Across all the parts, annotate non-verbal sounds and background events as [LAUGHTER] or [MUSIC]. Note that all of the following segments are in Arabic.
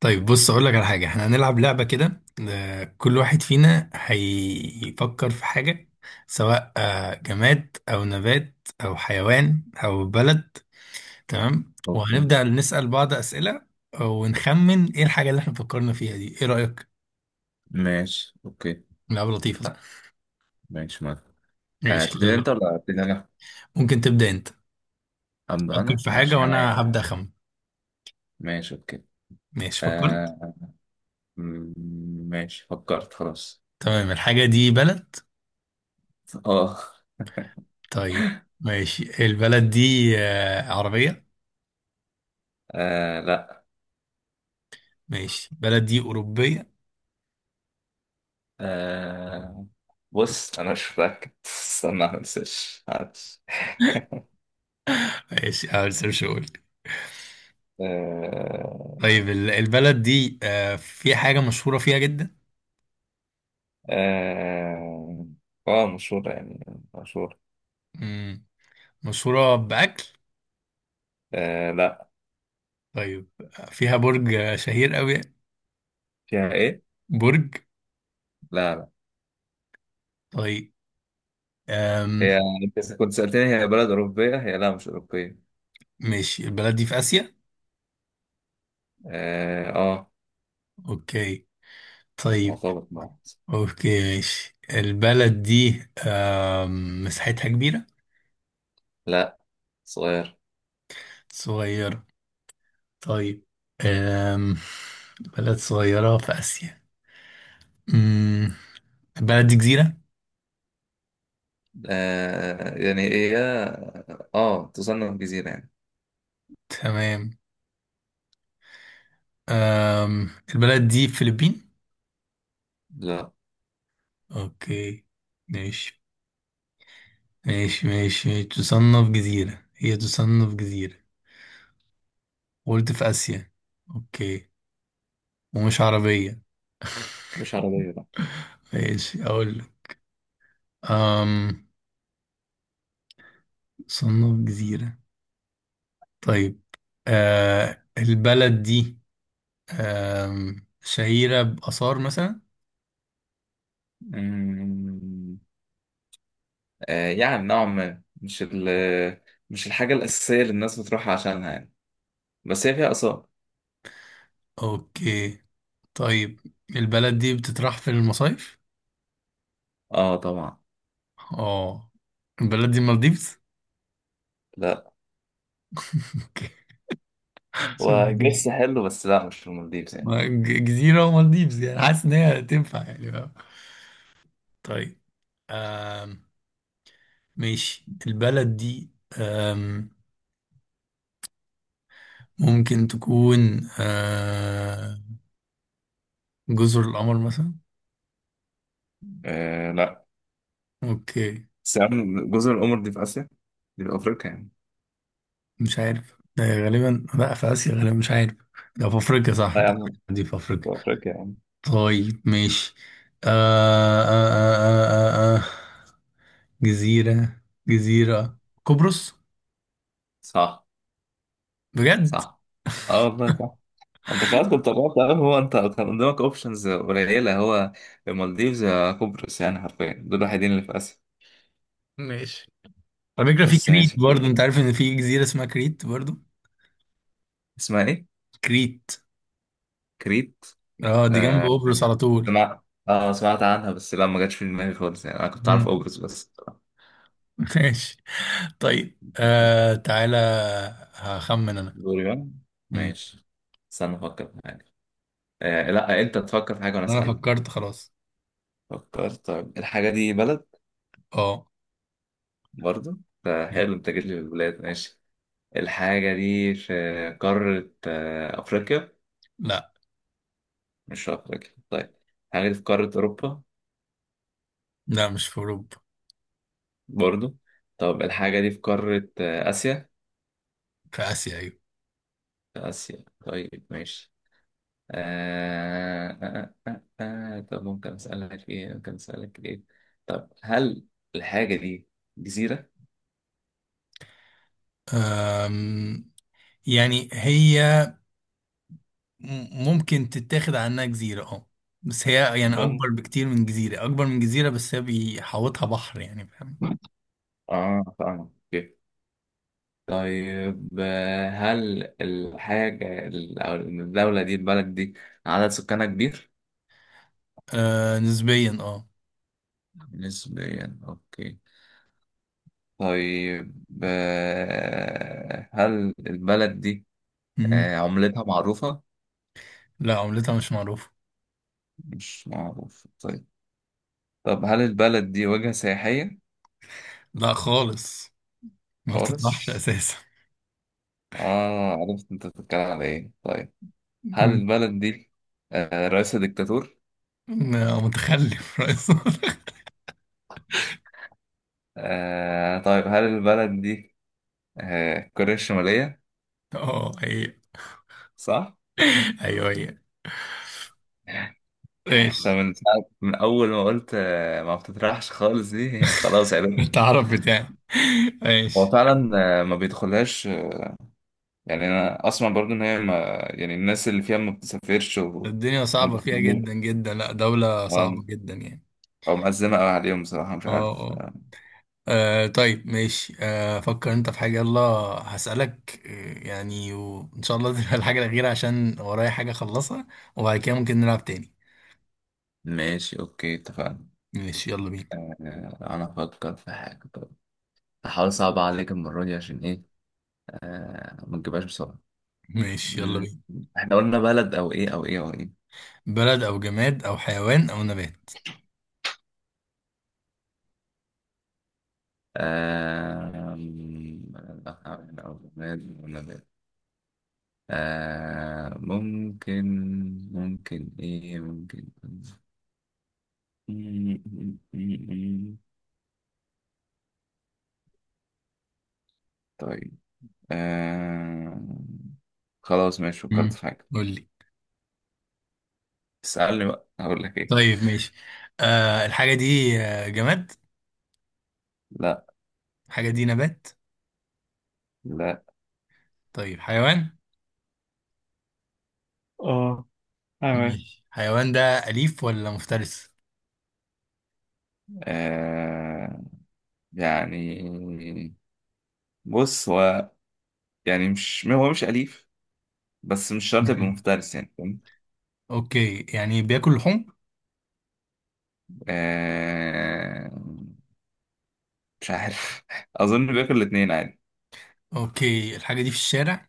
طيب بص اقول لك على حاجه، احنا هنلعب لعبه كده. كل واحد فينا هيفكر في حاجه، سواء جماد او نبات او حيوان او بلد. تمام، اوكي. وهنبدا نسال بعض اسئله ونخمن ايه الحاجه اللي احنا فكرنا فيها دي. ايه رايك؟ ماشي اوكي. لعبه لطيفه، صح؟ ماشي ما ماشي، تبتدي يلا. انت ولا ابتدي انا؟ ممكن تبدا انت. ابدا فكر انا في حاجه ماشي يعني. وانا هبدا اخمن. ماشي اوكي. ماشي، فكرت. آه م- ماشي فكرت خلاص. تمام، الحاجه دي بلد. اه. طيب. ماشي، البلد دي عربيه؟ لا. ماشي، البلد دي اوروبيه؟ آه، بص انا مش متأكد، استنى ما انساش، معلش. [LAUGHS] ماشي، اه، لسه مش هقول. آه. طيب، البلد دي في حاجة مشهورة فيها جدا؟ آه. مشهورة يعني، مشهورة. مم. مشهورة بأكل؟ آه لا. طيب، فيها برج شهير قوي؟ فيها إيه؟ برج. لا لا، طيب. أم. هي أنت كنت سألتني هي بلد أوروبية، هي لا مش أوروبية. ماشي، البلد دي في آسيا. آه. اوكي. طيب. مرتبط بعض. اوكي، ماشي، البلد دي مساحتها كبيرة؟ لا، صغير. صغيرة. طيب. أم. بلد صغيرة في آسيا. مم. البلد دي جزيرة. آه يعني هي اه تصنف جزيرة يعني. تمام. أم، البلد دي فلبين؟ لا، اوكي، ماشي. ماشي. تصنف جزيرة، هي تصنف جزيرة. قلت في آسيا. اوكي. ومش عربية. مش عربية لا. [LAUGHS] ماشي، اقول لك. أم تصنف جزيرة. طيب. أه، البلد دي شهيرة بآثار مثلا؟ مم، آه يعني نوعا ما، مش الحاجة الأساسية اللي الناس بتروحها عشانها يعني، بس هي فيها آثار. اوكي. طيب. البلد دي بتطرح في المصايف. اه طبعا. اه، البلد دي المالديفز؟ لا، هو جيش [LAUGHS] حلو بس لا مش في المالديفز يعني. ما جزيرة ومالديفز يعني، حاسس إن هي تنفع، يعني فاهم. طيب. آم ماشي، البلد دي آم ممكن تكون جزر القمر مثلا؟ آه لا. أوكي. بس يا عم جزر القمر دي في آسيا؟ دي في أفريقيا يعني. مش عارف ده، غالبا لا، في آسيا غالبا، مش عارف. ده في أفريقيا، صح لا يا أنت؟ عم، دي في في أفريقيا. أفريقيا يعني. طيب، ماشي. آه آه آه آه آه. آه. جزيرة، جزيرة. قبرص؟ صح. بجد؟ صح. اه والله صح. انت خلاص كنت قربت قوي، هو انت كان قدامك اوبشنز قليله. هو المالديفز يا قبرص، يعني حرفيا دول الوحيدين اللي في اسيا. ماشي. على فكرة، في بس كريت ماشي. برضو، انت عارف ان في جزيرة اسمها كريت برضو؟ اسمها ايه؟ كريت. كريت. اه، دي جنب آه قبرص يعني على طول. سمعت عنها، بس لا ما جاتش في دماغي خالص يعني، انا كنت عارف مم. قبرص بس. [LAUGHS] ماشي. طيب، ماشي. آه، تعالى، هخمن انا. دوري بقى. مم. ماشي. استنى افكر في حاجه. آه لا، انت تفكر في حاجه وانا انا اسالك. فكرت، خلاص. فكرت؟ طيب الحاجه دي بلد اه. برضه. ده حلو، انت جيت لي في البلاد. ماشي. الحاجه دي في قاره افريقيا؟ لا مش أفريقيا طيب. الحاجة دي في قارة أوروبا لا، مش في اوروبا. برضو؟ طب الحاجة دي في قارة آسيا؟ في اسيا، ايوه. آسيا طيب ماشي. طب ممكن أسألك في إيه ممكن أسألك في إيه طب هل الحاجة دي جزيرة؟ آم، يعني هي ممكن تتاخد عنها جزيرة، اه، بس هي يعني اكبر ممكن. بكتير من جزيرة، اكبر من جزيرة، بس هي بيحوطها بحر، يعني فاهم. آه فاهم. أوكي. طيب، هل الحاجة ال- أو الدولة دي البلد دي عدد سكانها كبير؟ آه نسبيا، اه. نسبيا أوكي. طيب هل البلد دي عملتها معروفة؟ لا، عملتها مش معروفة. مش معروف طيب. طب هل البلد دي وجهة سياحية؟ لا خالص، ما بتطلعش خالص؟ أساسا. آه عرفت أنت بتتكلم على إيه طيب. هل مم. البلد دي رئيسها ديكتاتور؟ لا، متخلف رئيس [LAUGHS] متخلف. آه طيب، هل البلد دي كوريا الشمالية؟ اه، هي. صح؟ أيوه، هي. طب ماشي، من أول ما قلت ما بتطرحش خالص دي [LAUGHS] خلاص عرفت. التعرف بتاعي. هو ماشي. فعلا ما بيدخلهاش يعني، انا اسمع برضو ان هي ما، يعني الناس اللي فيها ما بتسافرش وهم الدنيا صعبة فيها بيخمموا. جدا جدا، لا دولة آه، صعبة جدا يعني. او معزمه قوي عليهم بصراحه، مش اه، عارف. اه. آه. طيب ماشي، آه، فكر انت في حاجة، يلا. هسألك، يعني وإن شاء الله [LAUGHS] تبقى الحاجة الأخيرة، عشان ورايا حاجة أخلصها، وبعد كده ممكن نلعب تاني. ماشي اوكي اتفقنا. ماشي، يلا بينا. آه، انا افكر في حاجه. طب هحاول اصعب عليك المره دي، عشان ايه ما تجيبهاش بسرعه. ماشي، يلا مم، بينا. احنا قلنا بلد او ايه او ايه او ايه؟ بلد او جماد او حيوان او نبات. آه، مم، أو بلاد أو نبات. آه، ممكن. ممكن ايه ممكن. مم، مم، مم، مم. طيب. آه... خلاص ماشي فكرت امم في حاجة. قول لي. اسألني بقى هقول لك ايه. طيب، ماشي، آه، الحاجه دي جماد؟ لا. الحاجه دي نبات؟ لا. طيب، حيوان؟ اه تمام. ماشي، حيوان ده اليف ولا مفترس؟ آه... يعني بص هو، يعني مش، هو مش أليف، بس مش شرط يبقى امم مفترس، يعني فاهم؟ اوكي، يعني بياكل لحوم؟ آه... مش عارف [LAUGHS] أظن بياكل الاتنين عادي. اوكي، الحاجه دي في الشارع؟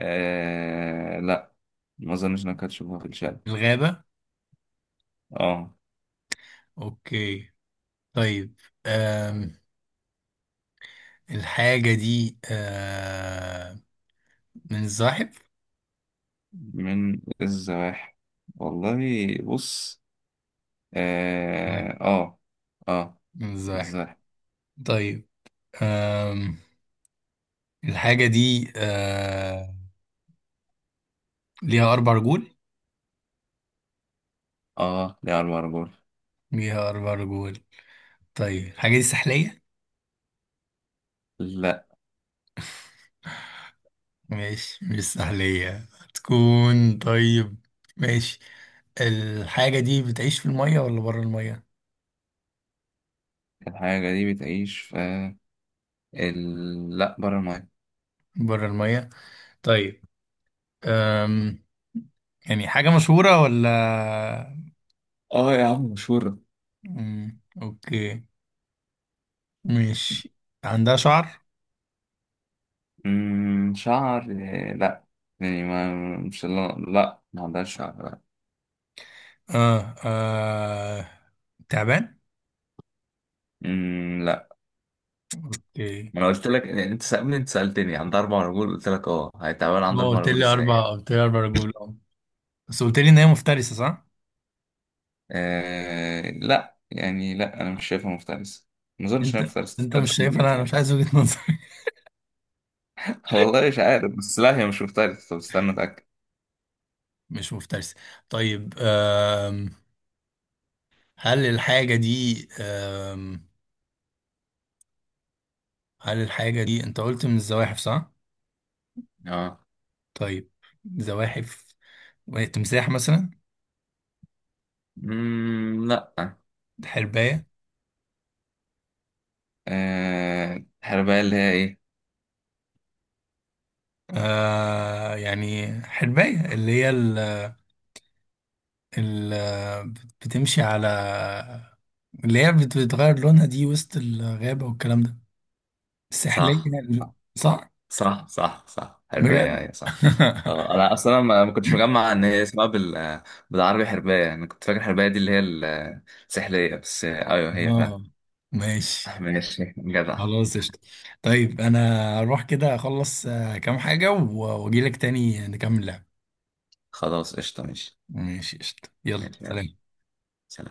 لا، ما أظنش إنك هتشوفها في الشارع. في الغابه؟ اه، اوكي. طيب، آم الحاجه دي من الزاحف؟ من الزواحف. والله، بص. لا، آه آه آه. من الزاحف. الزواحف. طيب، آم الحاجه دي ليها اربع رجول؟ آه دي على البرجول. ليها أربع رجول. طيب، الحاجة دي سحلية؟ لا. ماشي، مش سحلية هتكون. طيب، ماشي. الحاجة دي بتعيش في المية ولا برا المية؟ الحاجة دي بتعيش في لا، برا الماية. برا المية. طيب، أم يعني حاجة مشهورة ولا؟ آه يا عم مشهورة. أم، أوكي. ماشي. عندها شعر؟ مم، شعر آه، لا يعني ما عندهاش شعر لا. آه, آه. تعبان؟ مم، لا. اوكي. ما انا قلت لك، انت سألني، انت سألتني عندها اربع رجول قلت لك اه، هيتعمل ما عندها اربع قلت رجول لي ازاي أربع، يعني؟ قلت لي أربع رجول، أه، بس قلت لي إن هي مفترسة، صح؟ آه لا يعني، لا انا مش شايفها مفترسه، ما اظنش انها أنت، مفترسه، أنت مش تفترس ليه شايف، دي، أنا مش أنا عارف. مش عايز وجهة نظر. [LAUGHS] والله مش عارف، بس لا هي مش مفترسه، طب استنى اتاكد. مش مفترس. طيب آم، هل الحاجة دي آم، هل الحاجة دي انت قلت من الزواحف، صح؟ اه. طيب، زواحف، تمساح مثلا؟ مم لا. حرباية؟ آه الحرباية اللي هي ايه؟ آه، يعني حرباية اللي هي ال ال بتمشي على، اللي هي بتغير لونها دي وسط الغابة والكلام ده، السحلية، صح صح؟ صح حرباية بجد؟ أيوة صح. [LAUGHS] اه انا اصلا ما كنتش مجمع ان هي اسمها بالعربي حربايه، انا كنت فاكر حربايه دي اللي هي السحليه، بس آه، ايوه هي فعلا. اه، ماشي، آه، ماشي جدع. خلاص قشطة. طيب، انا اروح كده اخلص كام حاجة واجي لك تاني نكمل لعب. خلاص قشطه ماشي. ماشي، قشطة، يلا ماشي يلا. سلام. سلام.